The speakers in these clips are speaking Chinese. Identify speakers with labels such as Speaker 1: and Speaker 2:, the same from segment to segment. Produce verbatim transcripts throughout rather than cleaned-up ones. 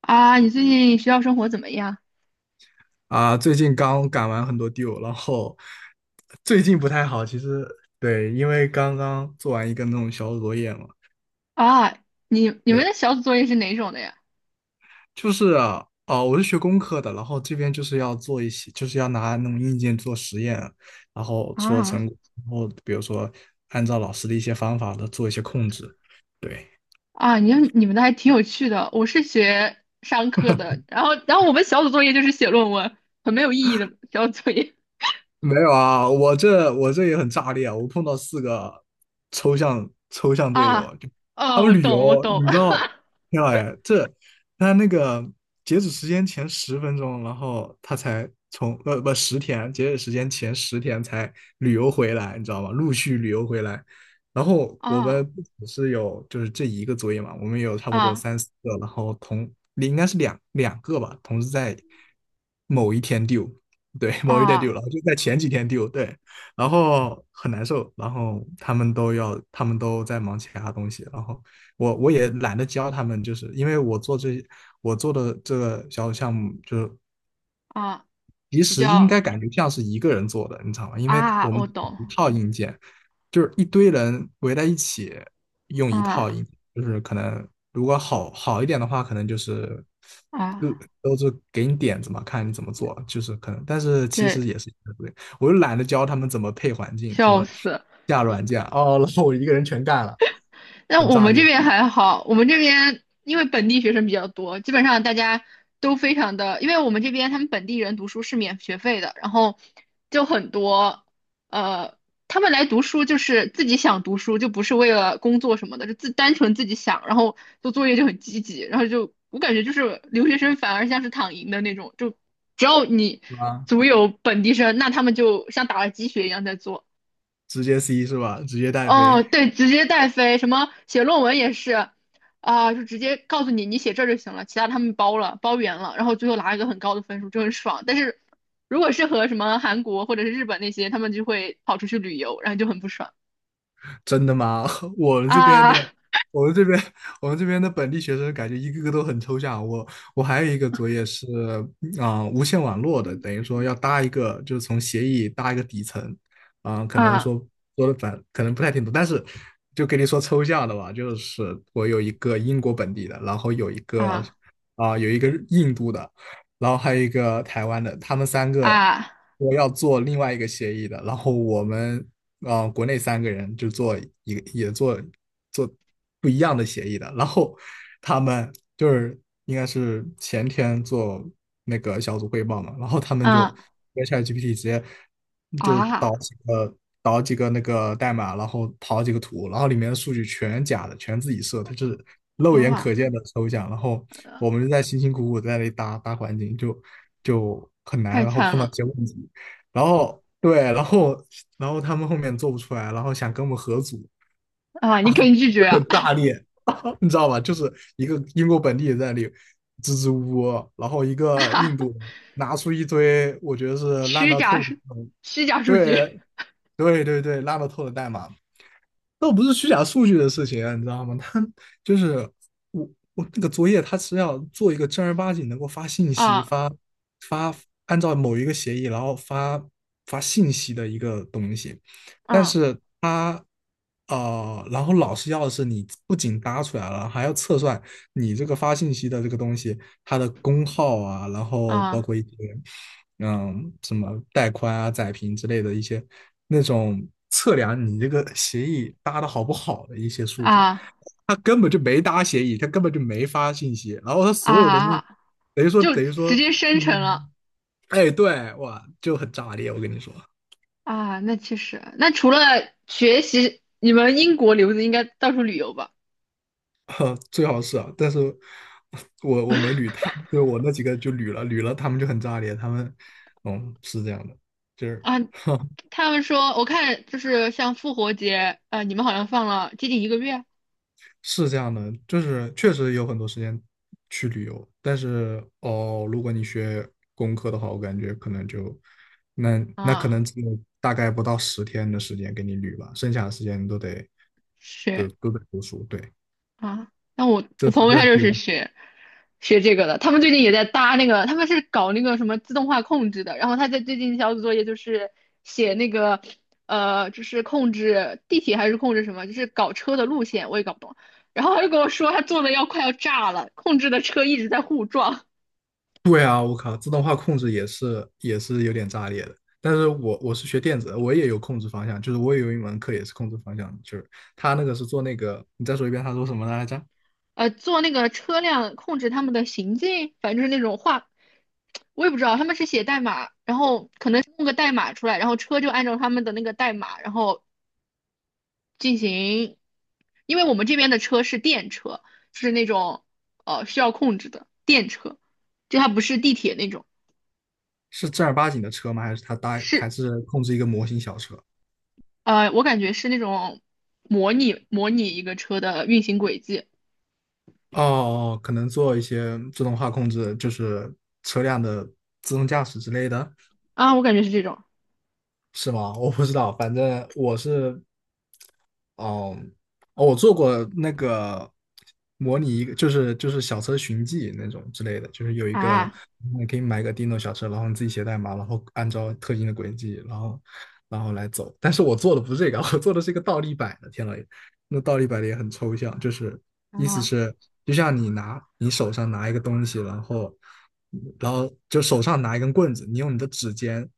Speaker 1: 啊，你最近学校生活怎么样？
Speaker 2: 啊，最近刚赶完很多 due，然后最近不太好。其实对，因为刚刚做完一个那种小组作业嘛，
Speaker 1: 啊，你你们
Speaker 2: 对，
Speaker 1: 的小组作业是哪种的呀？
Speaker 2: 就是啊，哦，我是学工科的，然后这边就是要做一些，就是要拿那种硬件做实验，然后出了
Speaker 1: 啊
Speaker 2: 成果，然后比如说按照老师的一些方法的做一些控制，对。
Speaker 1: 啊，你们你们的还挺有趣的。我是学商科的，然后然后我们小组作业就是写论文，很没有意义的小组作业。
Speaker 2: 没有啊，我这我这也很炸裂啊！我碰到四个抽象抽象队友
Speaker 1: 啊，
Speaker 2: 啊就
Speaker 1: 啊，
Speaker 2: 他们
Speaker 1: 我
Speaker 2: 旅游
Speaker 1: 懂，我懂。
Speaker 2: 旅到，天呐哎，这他那个截止时间前十分钟，然后他才从呃不十天，截止时间前十天才旅游回来，你知道吗？陆续旅游回来，然后我
Speaker 1: 啊
Speaker 2: 们不只是有就是这一个作业嘛，我们有差不多
Speaker 1: 啊
Speaker 2: 三四个，然后同应该是两两个吧，同时在某一天丢。对，某一天丢
Speaker 1: 啊
Speaker 2: 了，就在前几天丢，对，然后很难受，然后他们都要，他们都在忙其他东西，然后我我也懒得教他们，就是因为我做这我做的这个小项目，就是
Speaker 1: 啊，
Speaker 2: 其
Speaker 1: 比
Speaker 2: 实应
Speaker 1: 较
Speaker 2: 该感觉像是一个人做的，你知道吗？因为
Speaker 1: 啊，
Speaker 2: 我们
Speaker 1: 我懂。
Speaker 2: 一套硬件，就是一堆人围在一起用一
Speaker 1: 啊
Speaker 2: 套硬件就是可能如果好好一点的话，可能就是各
Speaker 1: 啊，
Speaker 2: 都是给你点子嘛，看你怎么做，就是可能，但是其实
Speaker 1: 对，
Speaker 2: 也是一个对，我又懒得教他们怎么配环境，怎
Speaker 1: 笑
Speaker 2: 么
Speaker 1: 死。
Speaker 2: 下软件，哦，然后我一个人全干了，
Speaker 1: 那
Speaker 2: 很
Speaker 1: 我
Speaker 2: 炸
Speaker 1: 们这
Speaker 2: 裂，
Speaker 1: 边还好，我们这边因为本地学生比较多，基本上大家都非常的，因为我们这边他们本地人读书是免学费的，然后就很多，呃，他们来读书就是自己想读书，就不是为了工作什么的，就自单纯自己想，然后做作业就很积极，然后就我感觉就是留学生反而像是躺赢的那种，就只要你
Speaker 2: 是吧？
Speaker 1: 足有本地生，那他们就像打了鸡血一样在做。
Speaker 2: 直接 C 是吧？直接带飞。
Speaker 1: 哦，对，直接带飞，什么写论文也是，啊、就直接告诉你，你写这就行了，其他他们包了，包圆了，然后最后拿一个很高的分数，就很爽。但是如果是和什么韩国或者是日本那些，他们就会跑出去旅游，然后就很不爽。
Speaker 2: 真的吗？我们这边
Speaker 1: 啊
Speaker 2: 的，我们这边，我们这边的本地学生感觉一个个都很抽象。我我还有一个作业是啊、呃无线网络的，等于说要搭一个，就是从协议搭一个底层啊、可能
Speaker 1: 啊
Speaker 2: 说说的反，可能不太听懂，但是就跟你说抽象的吧，就是我有一个英国本地的，然后有一个
Speaker 1: 啊
Speaker 2: 啊、有一个印度的，然后还有一个台湾的，他们三个
Speaker 1: 啊
Speaker 2: 我要做另外一个协议的，然后我们啊、呃国内三个人就做一个也做做不一样的协议的，然后他们就是应该是前天做那个小组汇报嘛，然后他们就
Speaker 1: 啊
Speaker 2: 跟 ChatGPT 直接就导
Speaker 1: 啊
Speaker 2: 几个导几个那个代码，然后跑几个图，然后里面的数据全假的，全自己设，它是肉眼
Speaker 1: 啊！
Speaker 2: 可见的抽象，然后我们就在辛辛苦苦在那里搭搭环境，就就很难，
Speaker 1: 太
Speaker 2: 然后
Speaker 1: 惨
Speaker 2: 碰到一
Speaker 1: 了。
Speaker 2: 些问题。然后对，然后然后他们后面做不出来，然后想跟我们合组
Speaker 1: 啊！你
Speaker 2: 啊，
Speaker 1: 可
Speaker 2: 就
Speaker 1: 以拒绝
Speaker 2: 很
Speaker 1: 啊，
Speaker 2: 大力，你知道吧？就是一个英国本地人在那里支支吾吾，然后一个印 度人拿出一堆我觉得是烂
Speaker 1: 虚
Speaker 2: 到
Speaker 1: 假
Speaker 2: 透的
Speaker 1: 数，
Speaker 2: 那种，
Speaker 1: 虚假数
Speaker 2: 对
Speaker 1: 据。
Speaker 2: 对对对，烂到透的代码，倒不是虚假数据的事情啊，你知道吗？他就是我我那个作业，他是要做一个正儿八经能够发信息、
Speaker 1: 啊，
Speaker 2: 发发按照某一个协议，然后发发信息的一个东西。但
Speaker 1: 嗯，
Speaker 2: 是他呃，然后老师要的是你不仅搭出来了，还要测算你这个发信息的这个东西它的功耗啊，然后包
Speaker 1: 啊
Speaker 2: 括一些嗯什么带宽啊、载频之类的一些那种测量你这个协议搭的好不好的一些数据，
Speaker 1: 啊
Speaker 2: 他根本就没搭协议，他根本就没发信息，然后他
Speaker 1: 啊
Speaker 2: 所有的那
Speaker 1: 啊！
Speaker 2: 等于说
Speaker 1: 就
Speaker 2: 等于
Speaker 1: 直
Speaker 2: 说，
Speaker 1: 接生成了。
Speaker 2: 嗯，哎，对，哇，就很炸裂，我跟你说，
Speaker 1: 啊。那其实，那除了学习，你们英国留子应该到处旅游吧？
Speaker 2: 最好是啊，但是我我没捋他，对我那几个就捋了捋了，他们就很炸裂，他们嗯是这样的，就是。
Speaker 1: 啊，他们说我看就是像复活节，呃，你们好像放了接近一个月。
Speaker 2: 是这样的，就是确实有很多时间去旅游，但是哦，如果你学工科的话，我感觉可能就那那可
Speaker 1: 啊，
Speaker 2: 能只有大概不到十天的时间给你旅吧，剩下的时间都得都
Speaker 1: 是。
Speaker 2: 都得读书。对，
Speaker 1: 啊，那我我
Speaker 2: 这
Speaker 1: 朋友
Speaker 2: 这
Speaker 1: 他就
Speaker 2: 有
Speaker 1: 是学学这个的，他们最近也在搭那个，他们是搞那个什么自动化控制的，然后他在最近小组作业就是写那个呃，就是控制地铁还是控制什么，就是搞车的路线，我也搞不懂。然后他就跟我说，他做的要快要炸了，控制的车一直在互撞，
Speaker 2: 对啊，我靠，自动化控制也是也是有点炸裂的。但是我我是学电子的我也有控制方向，就是我也有一门课也是控制方向，就是他那个是做那个，你再说一遍，他说什么来着？
Speaker 1: 呃，做那个车辆控制他们的行进，反正就是那种画，我也不知道他们是写代码，然后可能弄个代码出来，然后车就按照他们的那个代码，然后。进行，因为我们这边的车是电车，就是那种呃需要控制的电车，就它不是地铁那种，
Speaker 2: 是正儿八经的车吗？还是它搭还
Speaker 1: 是
Speaker 2: 是控制一个模型小车？
Speaker 1: 呃我感觉是那种模拟模拟一个车的运行轨迹。
Speaker 2: 哦哦，可能做一些自动化控制，就是车辆的自动驾驶之类的，
Speaker 1: 啊，我感觉是这种。
Speaker 2: 是吗？我不知道，反正我是哦，哦，我做过那个模拟一个，就是就是小车寻迹那种之类的，就是有一个
Speaker 1: 啊
Speaker 2: 你可以买一个 Dino 小车，然后你自己写代码，然后按照特定的轨迹，然后然后来走。但是我做的不是这个，我做的是一个倒立摆的。天老爷，那倒立摆的也很抽象，就是意思
Speaker 1: 啊
Speaker 2: 是就像你拿你手上拿一个东西，然后然后就手上拿一根棍子，你用你的指尖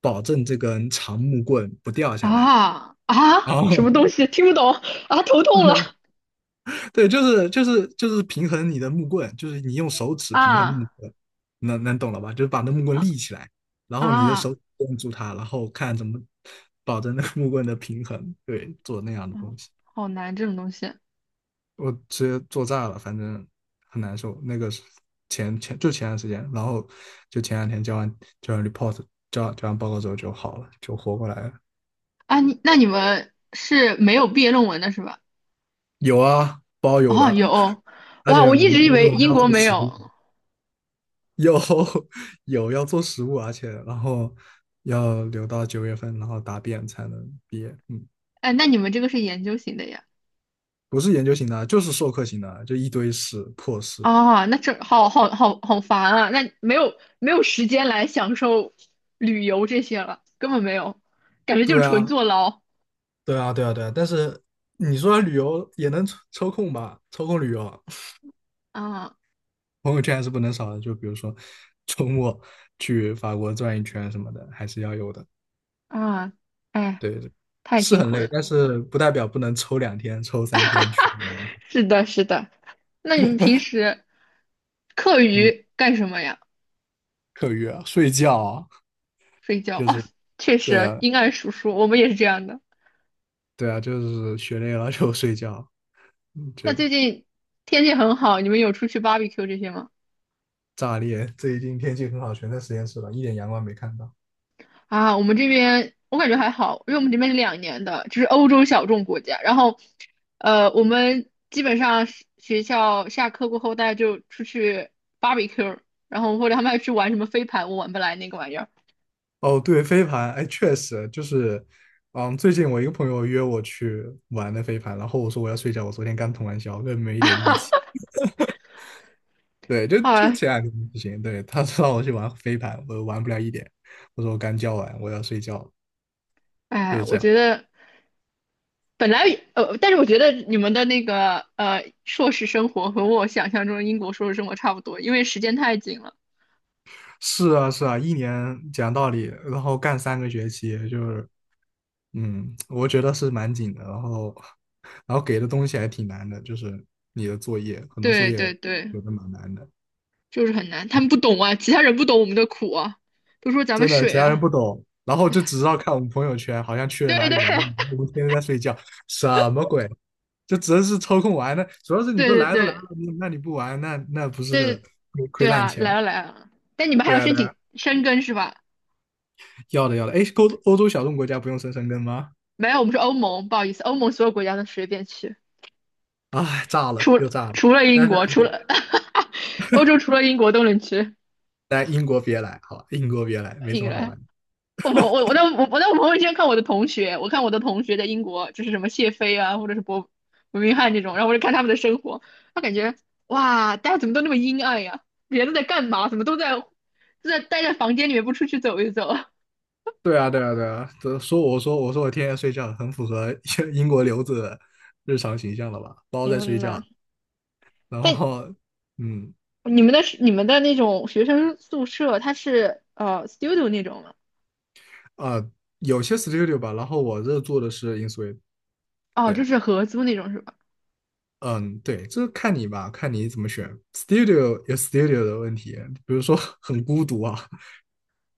Speaker 2: 保证这根长木棍不掉下来。
Speaker 1: 啊
Speaker 2: 然
Speaker 1: 啊什
Speaker 2: 后。
Speaker 1: 么东西听不懂。啊，头痛了。
Speaker 2: 对，就是就是就是平衡你的木棍，就是你用手指平衡木
Speaker 1: 啊
Speaker 2: 棍，能能懂了吧？就是把那木棍
Speaker 1: 啊
Speaker 2: 立起来，然后你的
Speaker 1: 啊，
Speaker 2: 手指摁住它，然后看怎么保证那个木棍的平衡。对，做那样的
Speaker 1: 嗯，
Speaker 2: 东西，
Speaker 1: 好难这种东西。
Speaker 2: 我直接做炸了，反正很难受。那个是前前就前段时间，然后就前两天交完交完 report，交完交完报告之后就好了，就活过来了。
Speaker 1: 啊，你那你们是没有毕业论文的是吧？
Speaker 2: 有啊，包有
Speaker 1: 哦，
Speaker 2: 的，
Speaker 1: 有，
Speaker 2: 而
Speaker 1: 哇，
Speaker 2: 且
Speaker 1: 我
Speaker 2: 我
Speaker 1: 一
Speaker 2: 们
Speaker 1: 直以
Speaker 2: 因为
Speaker 1: 为
Speaker 2: 我们
Speaker 1: 英
Speaker 2: 要
Speaker 1: 国
Speaker 2: 做
Speaker 1: 没
Speaker 2: 实物，
Speaker 1: 有。
Speaker 2: 有 有要做实务，而且然后要留到九月份，然后答辩才能毕业。嗯，
Speaker 1: 哎，那你们这个是研究型的呀？
Speaker 2: 不是研究型的，就是授课型的，就一堆事破事。
Speaker 1: 啊，那这好好好好烦啊！那没有没有时间来享受旅游这些了，根本没有，感觉就是
Speaker 2: 对啊，
Speaker 1: 纯坐牢。
Speaker 2: 对啊，对啊，对啊。但是你说旅游也能抽抽空吧？抽空旅游，
Speaker 1: 啊
Speaker 2: 朋友圈还是不能少的。就比如说周末去法国转一圈什么的，还是要有的。
Speaker 1: 啊！哎，
Speaker 2: 对，
Speaker 1: 太
Speaker 2: 是
Speaker 1: 辛
Speaker 2: 很
Speaker 1: 苦
Speaker 2: 累，
Speaker 1: 了。
Speaker 2: 但是不代表不能抽两天、抽三天去
Speaker 1: 是的，是的。那你们平时课
Speaker 2: 嗯，
Speaker 1: 余干什么呀？
Speaker 2: 课余啊，睡觉啊，
Speaker 1: 睡觉。
Speaker 2: 就
Speaker 1: 哦，
Speaker 2: 是
Speaker 1: 确
Speaker 2: 对
Speaker 1: 实，
Speaker 2: 啊，
Speaker 1: 阴暗叔叔，我们也是这样的。
Speaker 2: 对啊，就是学累了就睡觉，
Speaker 1: 那
Speaker 2: 就
Speaker 1: 最近天气很好，你们有出去 barbecue 这些吗？
Speaker 2: 炸裂。最近天气很好，全在实验室了，一点阳光没看到。
Speaker 1: 啊，我们这边我感觉还好，因为我们这边是两年的，就是欧洲小众国家。然后，呃，我们基本上是学校下课过后，大家就出去 barbecue，然后或者他们还去玩什么飞盘，我玩不来那个玩意儿。
Speaker 2: 哦，对，飞盘，哎，确实就是，嗯，最近我一个朋友约我去玩的飞盘，然后我说我要睡觉，我昨天刚通完宵，根本没一点力气。对，就
Speaker 1: 好
Speaker 2: 就
Speaker 1: 啊，
Speaker 2: 前两天不行，对，他让我去玩飞盘，我玩不了一点，我说我刚教完，我要睡觉了就
Speaker 1: 哎，
Speaker 2: 是
Speaker 1: 我
Speaker 2: 这样。
Speaker 1: 觉得本来呃，但是我觉得你们的那个呃硕士生活和我想象中的英国硕士生活差不多，因为时间太紧了。
Speaker 2: 是啊，是啊，一年讲道理，然后干三个学期，就是嗯，我觉得是蛮紧的，然后，然后给的东西还挺难的，就是你的作业，很多作
Speaker 1: 对对
Speaker 2: 业
Speaker 1: 对，
Speaker 2: 有的蛮难的，
Speaker 1: 就是很难，他们不懂啊，其他人不懂我们的苦啊，都说咱们
Speaker 2: 真的，
Speaker 1: 水
Speaker 2: 其他人
Speaker 1: 啊。
Speaker 2: 不懂，然后就只知道看我们朋友圈，好像 去了
Speaker 1: 对
Speaker 2: 哪里
Speaker 1: 对
Speaker 2: 玩，
Speaker 1: 对
Speaker 2: 我们天天在睡觉，什么鬼？就只能是抽空玩的，主要是你都
Speaker 1: 对
Speaker 2: 来都来
Speaker 1: 对
Speaker 2: 了，那那你不玩，那那不是
Speaker 1: 对
Speaker 2: 亏亏
Speaker 1: 对
Speaker 2: 烂
Speaker 1: 啊，来
Speaker 2: 钱？
Speaker 1: 了来了，但你们还
Speaker 2: 对
Speaker 1: 要
Speaker 2: 啊，
Speaker 1: 申
Speaker 2: 对啊，
Speaker 1: 请申根是吧？
Speaker 2: 要的要的，哎，欧欧洲小众国家不用生生根吗？
Speaker 1: 没有，我们是欧盟，不好意思，欧盟所有国家都随便去，
Speaker 2: 哎，炸了
Speaker 1: 除
Speaker 2: 又
Speaker 1: 了
Speaker 2: 炸了，
Speaker 1: 除了英
Speaker 2: 但是
Speaker 1: 国，除了 欧洲，除了英国都能去。
Speaker 2: 来英国别来，好吧，英国别来，没什
Speaker 1: 英格
Speaker 2: 么好玩
Speaker 1: 兰
Speaker 2: 的。
Speaker 1: 我朋我我在我我在我朋友圈看我的同学，我看我的同学在英国，就是什么谢菲啊，或者是伯伯明翰这种，然后我就看他们的生活，他感觉哇，大家怎么都那么阴暗呀？人都在干嘛？怎么都在都在待在房间里面不出去走一走？
Speaker 2: 对啊，对啊，对啊，这说我说我说我天天睡觉，很符合 英国留子的日常形象了吧？包在睡
Speaker 1: 天
Speaker 2: 觉，
Speaker 1: 呐！
Speaker 2: 然
Speaker 1: 但
Speaker 2: 后嗯
Speaker 1: 你们的你们的那种学生宿舍，它是呃 studio 那种吗？
Speaker 2: 啊、有些 studio 吧，然后我这做的是 InSuite，
Speaker 1: 哦，
Speaker 2: 对，
Speaker 1: 就是合租那种是吧？
Speaker 2: 嗯对，这看你吧，看你怎么选。studio 有 studio 的问题，比如说 很孤独啊，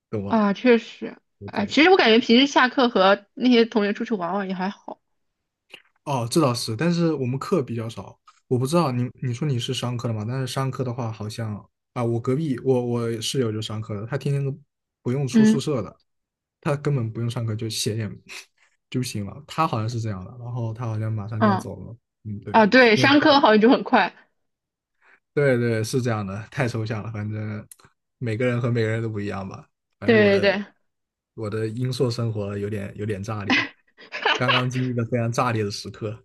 Speaker 2: 懂吗？
Speaker 1: 啊，确实，
Speaker 2: 不
Speaker 1: 哎，
Speaker 2: 对。
Speaker 1: 其实我感觉平时下课和那些同学出去玩玩也还好。
Speaker 2: 哦，这倒是，但是我们课比较少，我不知道你你说你是商科的嘛？但是商科的话，好像啊，我隔壁我我室友就商科的，他天天都不用出宿
Speaker 1: 嗯，
Speaker 2: 舍的，他根本不用上课就写点 就行了，他好像是这样的，然后他好像马上就要
Speaker 1: 嗯，
Speaker 2: 走了，嗯，
Speaker 1: 啊，
Speaker 2: 对，
Speaker 1: 对，
Speaker 2: 因为
Speaker 1: 上
Speaker 2: 他
Speaker 1: 课好像就很快。
Speaker 2: 对对是这样的，太抽象了，反正每个人和每个人都不一样吧，反正我
Speaker 1: 对对
Speaker 2: 的
Speaker 1: 对，
Speaker 2: 我的英硕生活有点有点炸裂，刚刚经历了非常炸裂的时刻。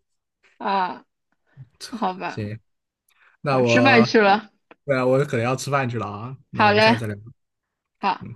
Speaker 1: 啊，好吧，
Speaker 2: 行，那
Speaker 1: 我吃饭
Speaker 2: 我，
Speaker 1: 去了。
Speaker 2: 对啊，我可能要吃饭去了啊，那我
Speaker 1: 好
Speaker 2: 们下
Speaker 1: 嘞，
Speaker 2: 次再聊。
Speaker 1: 好。
Speaker 2: 嗯。